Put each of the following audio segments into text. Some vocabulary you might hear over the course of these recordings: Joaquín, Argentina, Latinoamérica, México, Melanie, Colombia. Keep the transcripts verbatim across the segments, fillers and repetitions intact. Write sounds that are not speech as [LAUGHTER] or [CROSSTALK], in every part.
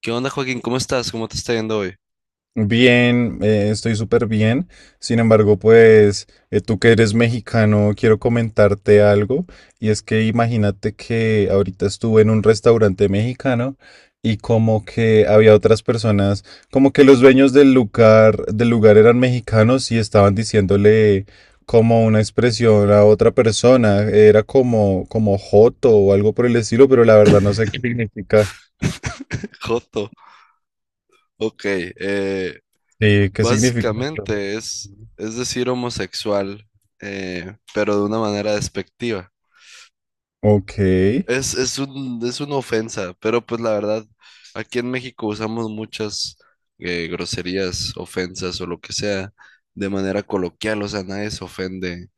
¿Qué onda, Joaquín? ¿Cómo estás? ¿Cómo te está yendo hoy? Bien, eh, estoy súper bien. Sin embargo, pues eh, tú que eres mexicano, quiero comentarte algo. Y es que imagínate que ahorita estuve en un restaurante mexicano y como que había otras personas, como que los dueños del lugar, del lugar eran mexicanos y estaban diciéndole como una expresión a otra persona. Era como, como joto o algo por el estilo, pero la verdad no sé qué significa. Joto. Ok. eh, Sí, ¿qué significa? Básicamente es, es decir homosexual, eh, pero de una manera despectiva. Ok. Es, es un, es una ofensa, pero pues la verdad, aquí en México usamos muchas eh, groserías, ofensas o lo que sea de manera coloquial, o sea, nadie se ofende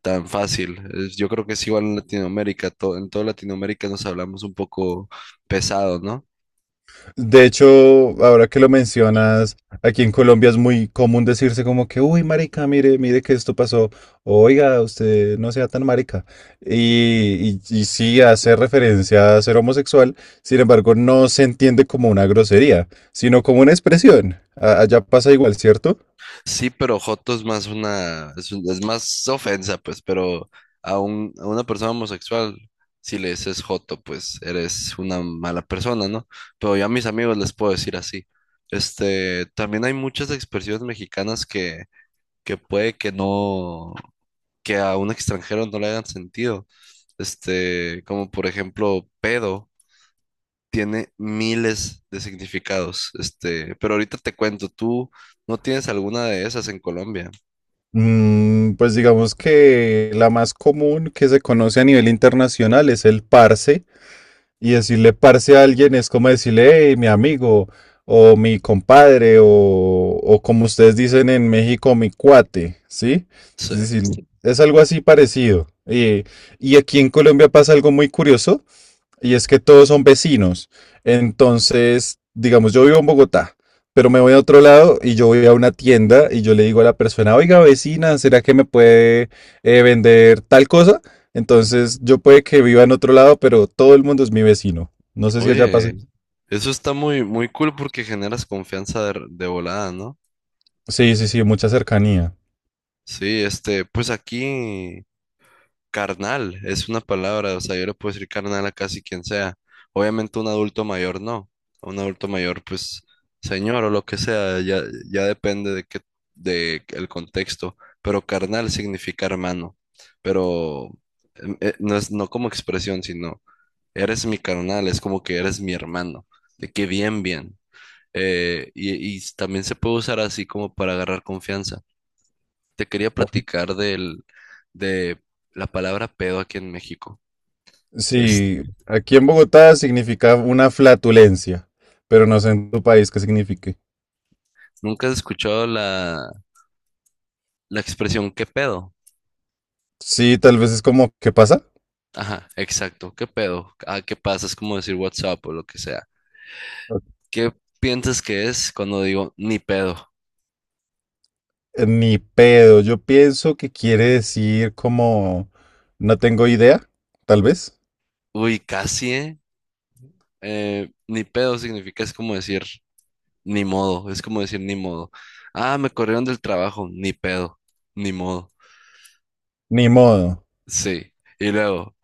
tan fácil. Es- yo creo que es igual en Latinoamérica, to- en toda Latinoamérica nos hablamos un poco pesado, ¿no? De hecho, ahora que lo mencionas, aquí en Colombia es muy común decirse como que, uy, marica, mire, mire que esto pasó. Oiga, usted no sea tan marica. Y, y, y sí hace referencia a ser homosexual, sin embargo, no se entiende como una grosería, sino como una expresión. A- Allá pasa igual, ¿cierto? Sí, pero joto es más una, es, un- es más ofensa, pues, pero a, un, a una persona homosexual, si le dices joto, pues eres una mala persona, ¿no? Pero yo a mis amigos les puedo decir así. Este, también hay muchas expresiones mexicanas que, que puede que no, que a un extranjero no le hagan sentido. Este, como por ejemplo, pedo tiene miles de significados. Este, pero ahorita te cuento, ¿tú no tienes alguna de esas en Colombia? Mm, pues digamos que la más común que se conoce a nivel internacional es el parse. Y decirle parce a alguien es como decirle, hey, mi amigo, o mi compadre, o, o como ustedes dicen en México, mi cuate, ¿sí? Sí. Es decir, sí. Es algo así parecido. Eh, y aquí en Colombia pasa algo muy curioso, y es que todos son vecinos. Entonces, digamos, yo vivo en Bogotá, pero me voy a otro lado y yo voy a una tienda y yo le digo a la persona, oiga, vecina, ¿será que me puede eh, vender tal cosa? Entonces, yo puede que viva en otro lado, pero todo el mundo es mi vecino. No sé si allá pasa. Oye, eso está muy, muy cool porque generas confianza de, de volada, ¿no? Sí, sí, sí, mucha cercanía. Sí, este, pues aquí carnal es una palabra, o sea, yo le puedo decir carnal a casi quien sea. Obviamente un adulto mayor no. A un adulto mayor, pues, señor o lo que sea, ya, ya depende de qué, de el contexto. Pero carnal significa hermano. Pero em, eh, no es, no como expresión, sino eres mi carnal, es como que eres mi hermano. De que bien, bien. Eh, y, y también se puede usar así como para agarrar confianza. Te quería O- platicar del, de la palabra pedo aquí en México. Es- Sí, aquí en Bogotá significa una flatulencia, pero no sé en tu país qué signifique. ¿Nunca has escuchado la, la expresión qué pedo? Sí, tal vez es como, ¿qué pasa? Ajá, exacto, qué pedo. Ah, ¿qué pasa? Es como decir WhatsApp o lo que sea. ¿Qué piensas que es cuando digo ni pedo? Ni pedo, yo pienso que quiere decir como no tengo idea, tal vez. Uy, casi, ¿eh? Eh, ni pedo significa es como decir ni modo, es como decir ni modo. Ah, me corrieron del trabajo, ni pedo, ni modo. Ni modo. Sí. Y luego,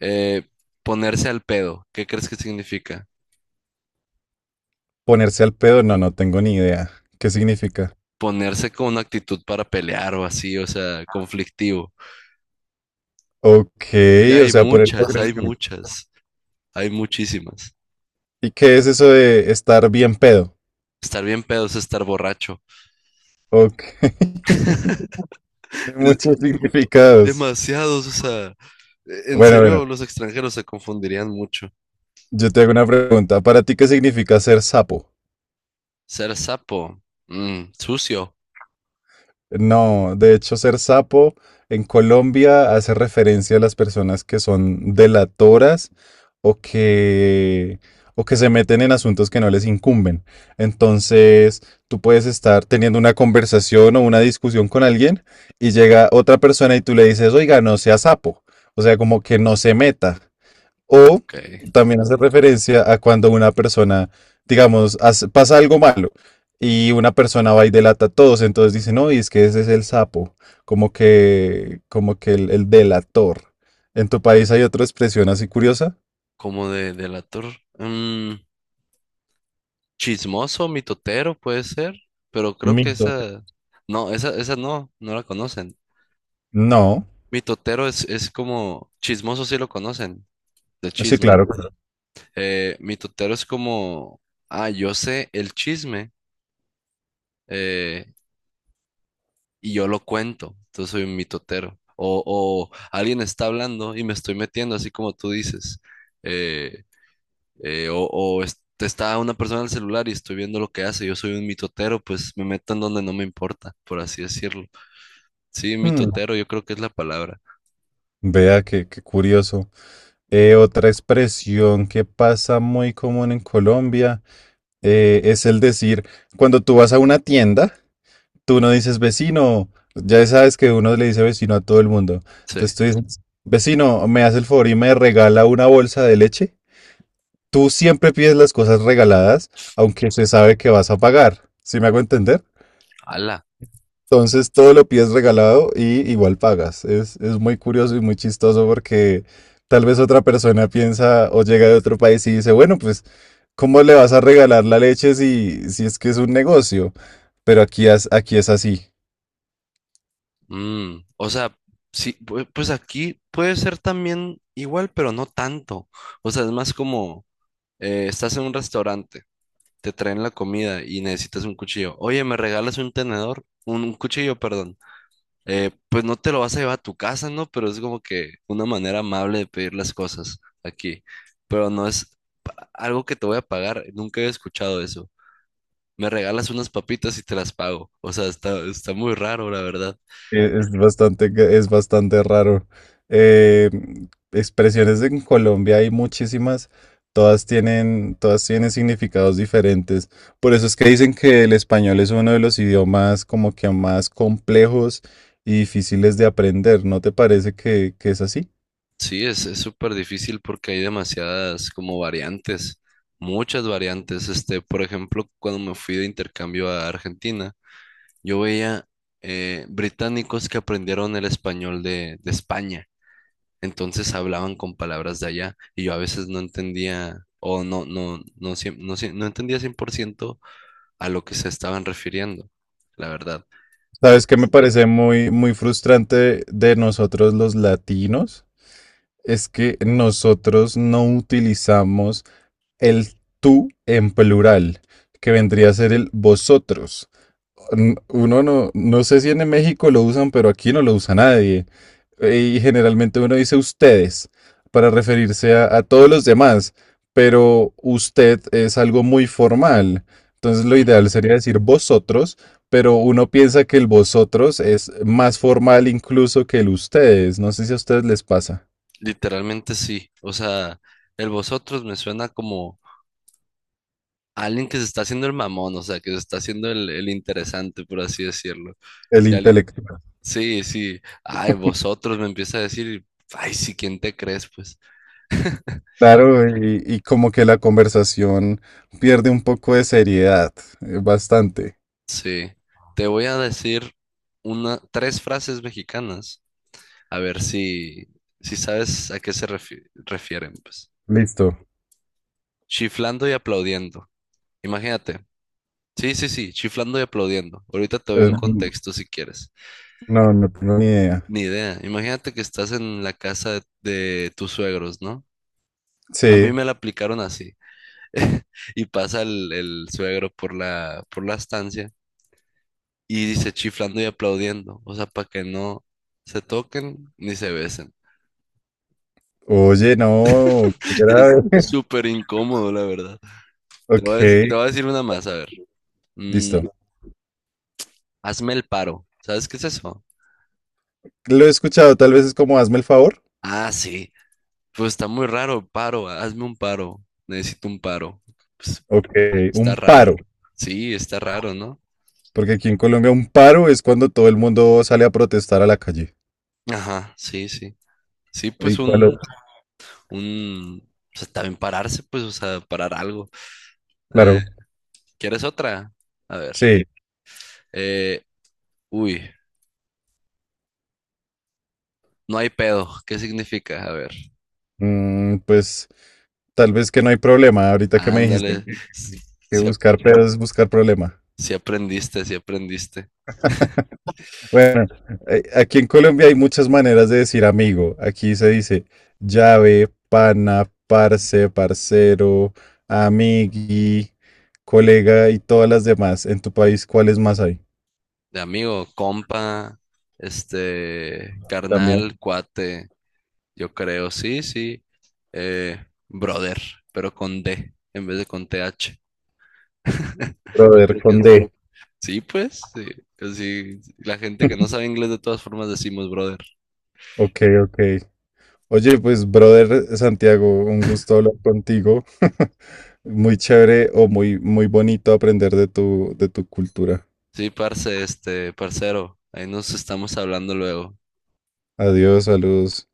eh, ponerse al pedo. ¿Qué crees que significa? Ponerse al pedo, no, no tengo ni idea. ¿Qué significa? Ponerse con una actitud para pelear o así, o sea, conflictivo. Ok, Y o hay sea, ponerse muchas, hay agresivo. muchas, hay muchísimas. ¿Y qué es eso de estar bien pedo? Estar bien pedo es estar borracho. Ok, [LAUGHS] tiene Es- muchos significados. Demasiados, o sea, e- en Bueno, serio, bueno, los extranjeros se confundirían mucho. yo te hago una pregunta. ¿Para ti qué significa ser sapo? Ser sapo, mm, sucio, No, de hecho, ser sapo en Colombia hace referencia a las personas que son delatoras o que, o que se meten en asuntos que no les incumben. Entonces, tú puedes estar teniendo una conversación o una discusión con alguien y llega otra persona y tú le dices, oiga, no sea sapo. O sea, como que no se meta. O ok. también hace referencia a cuando una persona, digamos, hace- pasa algo malo y una persona va y delata a todos, entonces dice, no, y es que ese es el sapo, como que, como que el, el delator. ¿En tu país hay otra expresión así curiosa? Como de delator, chismoso, mitotero puede ser, pero creo que Mito. esa, no, esa, esa no, no la conocen. No, Mitotero es, es como, chismoso sí lo conocen, de sí, chisme. ¿No? claro. Eh, mitotero es como, ah, yo sé el chisme eh, y yo lo cuento, entonces soy un mitotero. O, o alguien está hablando y me estoy metiendo, así como tú dices. Eh, eh, o o es- está una persona en el celular y estoy viendo lo que hace, yo soy un mitotero, pues me meto en donde no me importa, por así decirlo. Sí, Hmm, mitotero, yo creo que es la palabra. vea qué, qué curioso. Eh, otra expresión que pasa muy común en Colombia eh, es el decir, cuando tú vas a una tienda, tú no dices vecino, ya sabes que uno le dice vecino a todo el mundo. Sí. Entonces tú dices, vecino, ¿me hace el favor y me regala una bolsa de leche? Tú siempre pides las cosas regaladas, aunque se sabe que vas a pagar. ¿Sí me hago entender? Ala. Entonces todo lo pides regalado y igual pagas. Es, es muy curioso y muy chistoso porque tal vez otra persona piensa o llega de otro país y dice, bueno, pues, ¿cómo le vas a regalar la leche si, si es que es un negocio? Pero aquí, es- aquí es así. Mm, o sea, sí, pu- pues aquí puede ser también igual, pero no tanto. O sea, es más como eh, estás en un restaurante, te traen la comida y necesitas un cuchillo. Oye, ¿me regalas un tenedor? Un, un cuchillo, perdón. Eh, pues no te lo vas a llevar a tu casa, ¿no? Pero es como que una manera amable de pedir las cosas aquí. Pero no es pa- algo que te voy a pagar. Nunca he escuchado eso. Me regalas unas papitas y te las pago. O sea, está, está muy raro, la verdad. Eh, Es bastante, ca- es bastante raro. Eh, Expresiones en Colombia hay muchísimas, todas tienen, todas tienen significados diferentes. Por eso es que dicen que el español es uno de los idiomas como que más complejos y difíciles de aprender. ¿No te parece que, que es así? Sí, es, es súper difícil porque hay demasiadas como variantes, muchas variantes. Este, por ejemplo, cuando me fui de intercambio a Argentina, yo veía eh, británicos que aprendieron el español de, de España. Entonces hablaban con palabras de allá y yo a veces no entendía o no, no, no, cien- no, cien- no entendía cien por ciento a lo que se estaban refiriendo, la verdad. ¿Sabes qué me Entonces, parece muy, muy frustrante de nosotros los latinos? Es que nosotros no utilizamos el tú en plural, que vendría a ser el vosotros. N- Uno no, no sé si en México lo usan, pero aquí no lo usa nadie y generalmente uno dice ustedes para referirse a, a todos los demás, pero usted es algo muy formal. Entonces lo ideal sería decir vosotros, pero uno piensa que el vosotros es más formal incluso que el ustedes. No sé si a ustedes les pasa. literalmente sí. O sea, el vosotros me suena como alguien que se está haciendo el mamón, o sea, que se está haciendo el, el interesante, por así decirlo. El Si alguien- intelectual. Sí, sí. Ay, vosotros me empieza a decir, y, ay, sí, ¿quién te crees? Pues Claro, y, y como que la conversación pierde un poco de seriedad, eh, bastante. sí. Te voy a decir una, tres frases mexicanas, a ver si, si sabes a qué se refi- refieren, pues. Listo. Chiflando y aplaudiendo. Imagínate. Sí, sí, sí, chiflando y aplaudiendo. Ahorita te doy Eh, un contexto si quieres. no, no tengo ni idea. Ni idea. Imagínate que estás en la casa de, de tus suegros, ¿no? A mí Sí. me la aplicaron así. [LAUGHS] Y pasa el, el suegro por la, por la estancia y dice chiflando y aplaudiendo. O sea, para que no se toquen ni se besen. Oye, no, qué [LAUGHS] Es grave. súper incómodo, la verdad. Te voy a Ok, decir, te voy a decir una más, a ver. Mm, listo. hazme el paro. ¿Sabes qué es eso? Lo he escuchado, tal vez es como hazme el favor. Ah, sí. Pues está muy raro, paro. Hazme un paro. Necesito un paro. Pues, Ok, un está paro, raro. Sí, está raro, ¿no? porque aquí en Colombia un paro es cuando todo el mundo sale a protestar a la calle. Ajá, sí, sí. Sí, Y pues cuando- un, un, o sea, también pararse, pues, o sea, parar algo. Eh, claro, ¿quieres otra? A ver. sí, Eh, uy, no hay pedo. ¿Qué significa? A ver. mm, pues tal vez que no hay problema. Ahorita que me dijiste Ándale. Si, que si buscar pedos es buscar problema. si aprendiste, si aprendiste. [LAUGHS] Bueno, eh, aquí en Colombia hay muchas maneras de decir amigo. Aquí se dice llave, pana, parce, parcero, amigui, colega y todas las demás. En tu país, ¿cuáles más hay? De amigo, compa, este, También, carnal, cuate, yo creo, sí, sí. Eh, brother, pero con D en vez de con T H. [LAUGHS] Yo brother creo que con sí. D. Sí, pues, sí. Así, la gente que no sabe inglés de todas formas decimos brother. Ok, ok. Oye, pues, brother Santiago, un gusto hablar contigo. [LAUGHS] Muy chévere o muy, muy bonito aprender de tu, de tu cultura. Sí, parce, este, parcero, ahí nos estamos hablando luego. Adiós, saludos.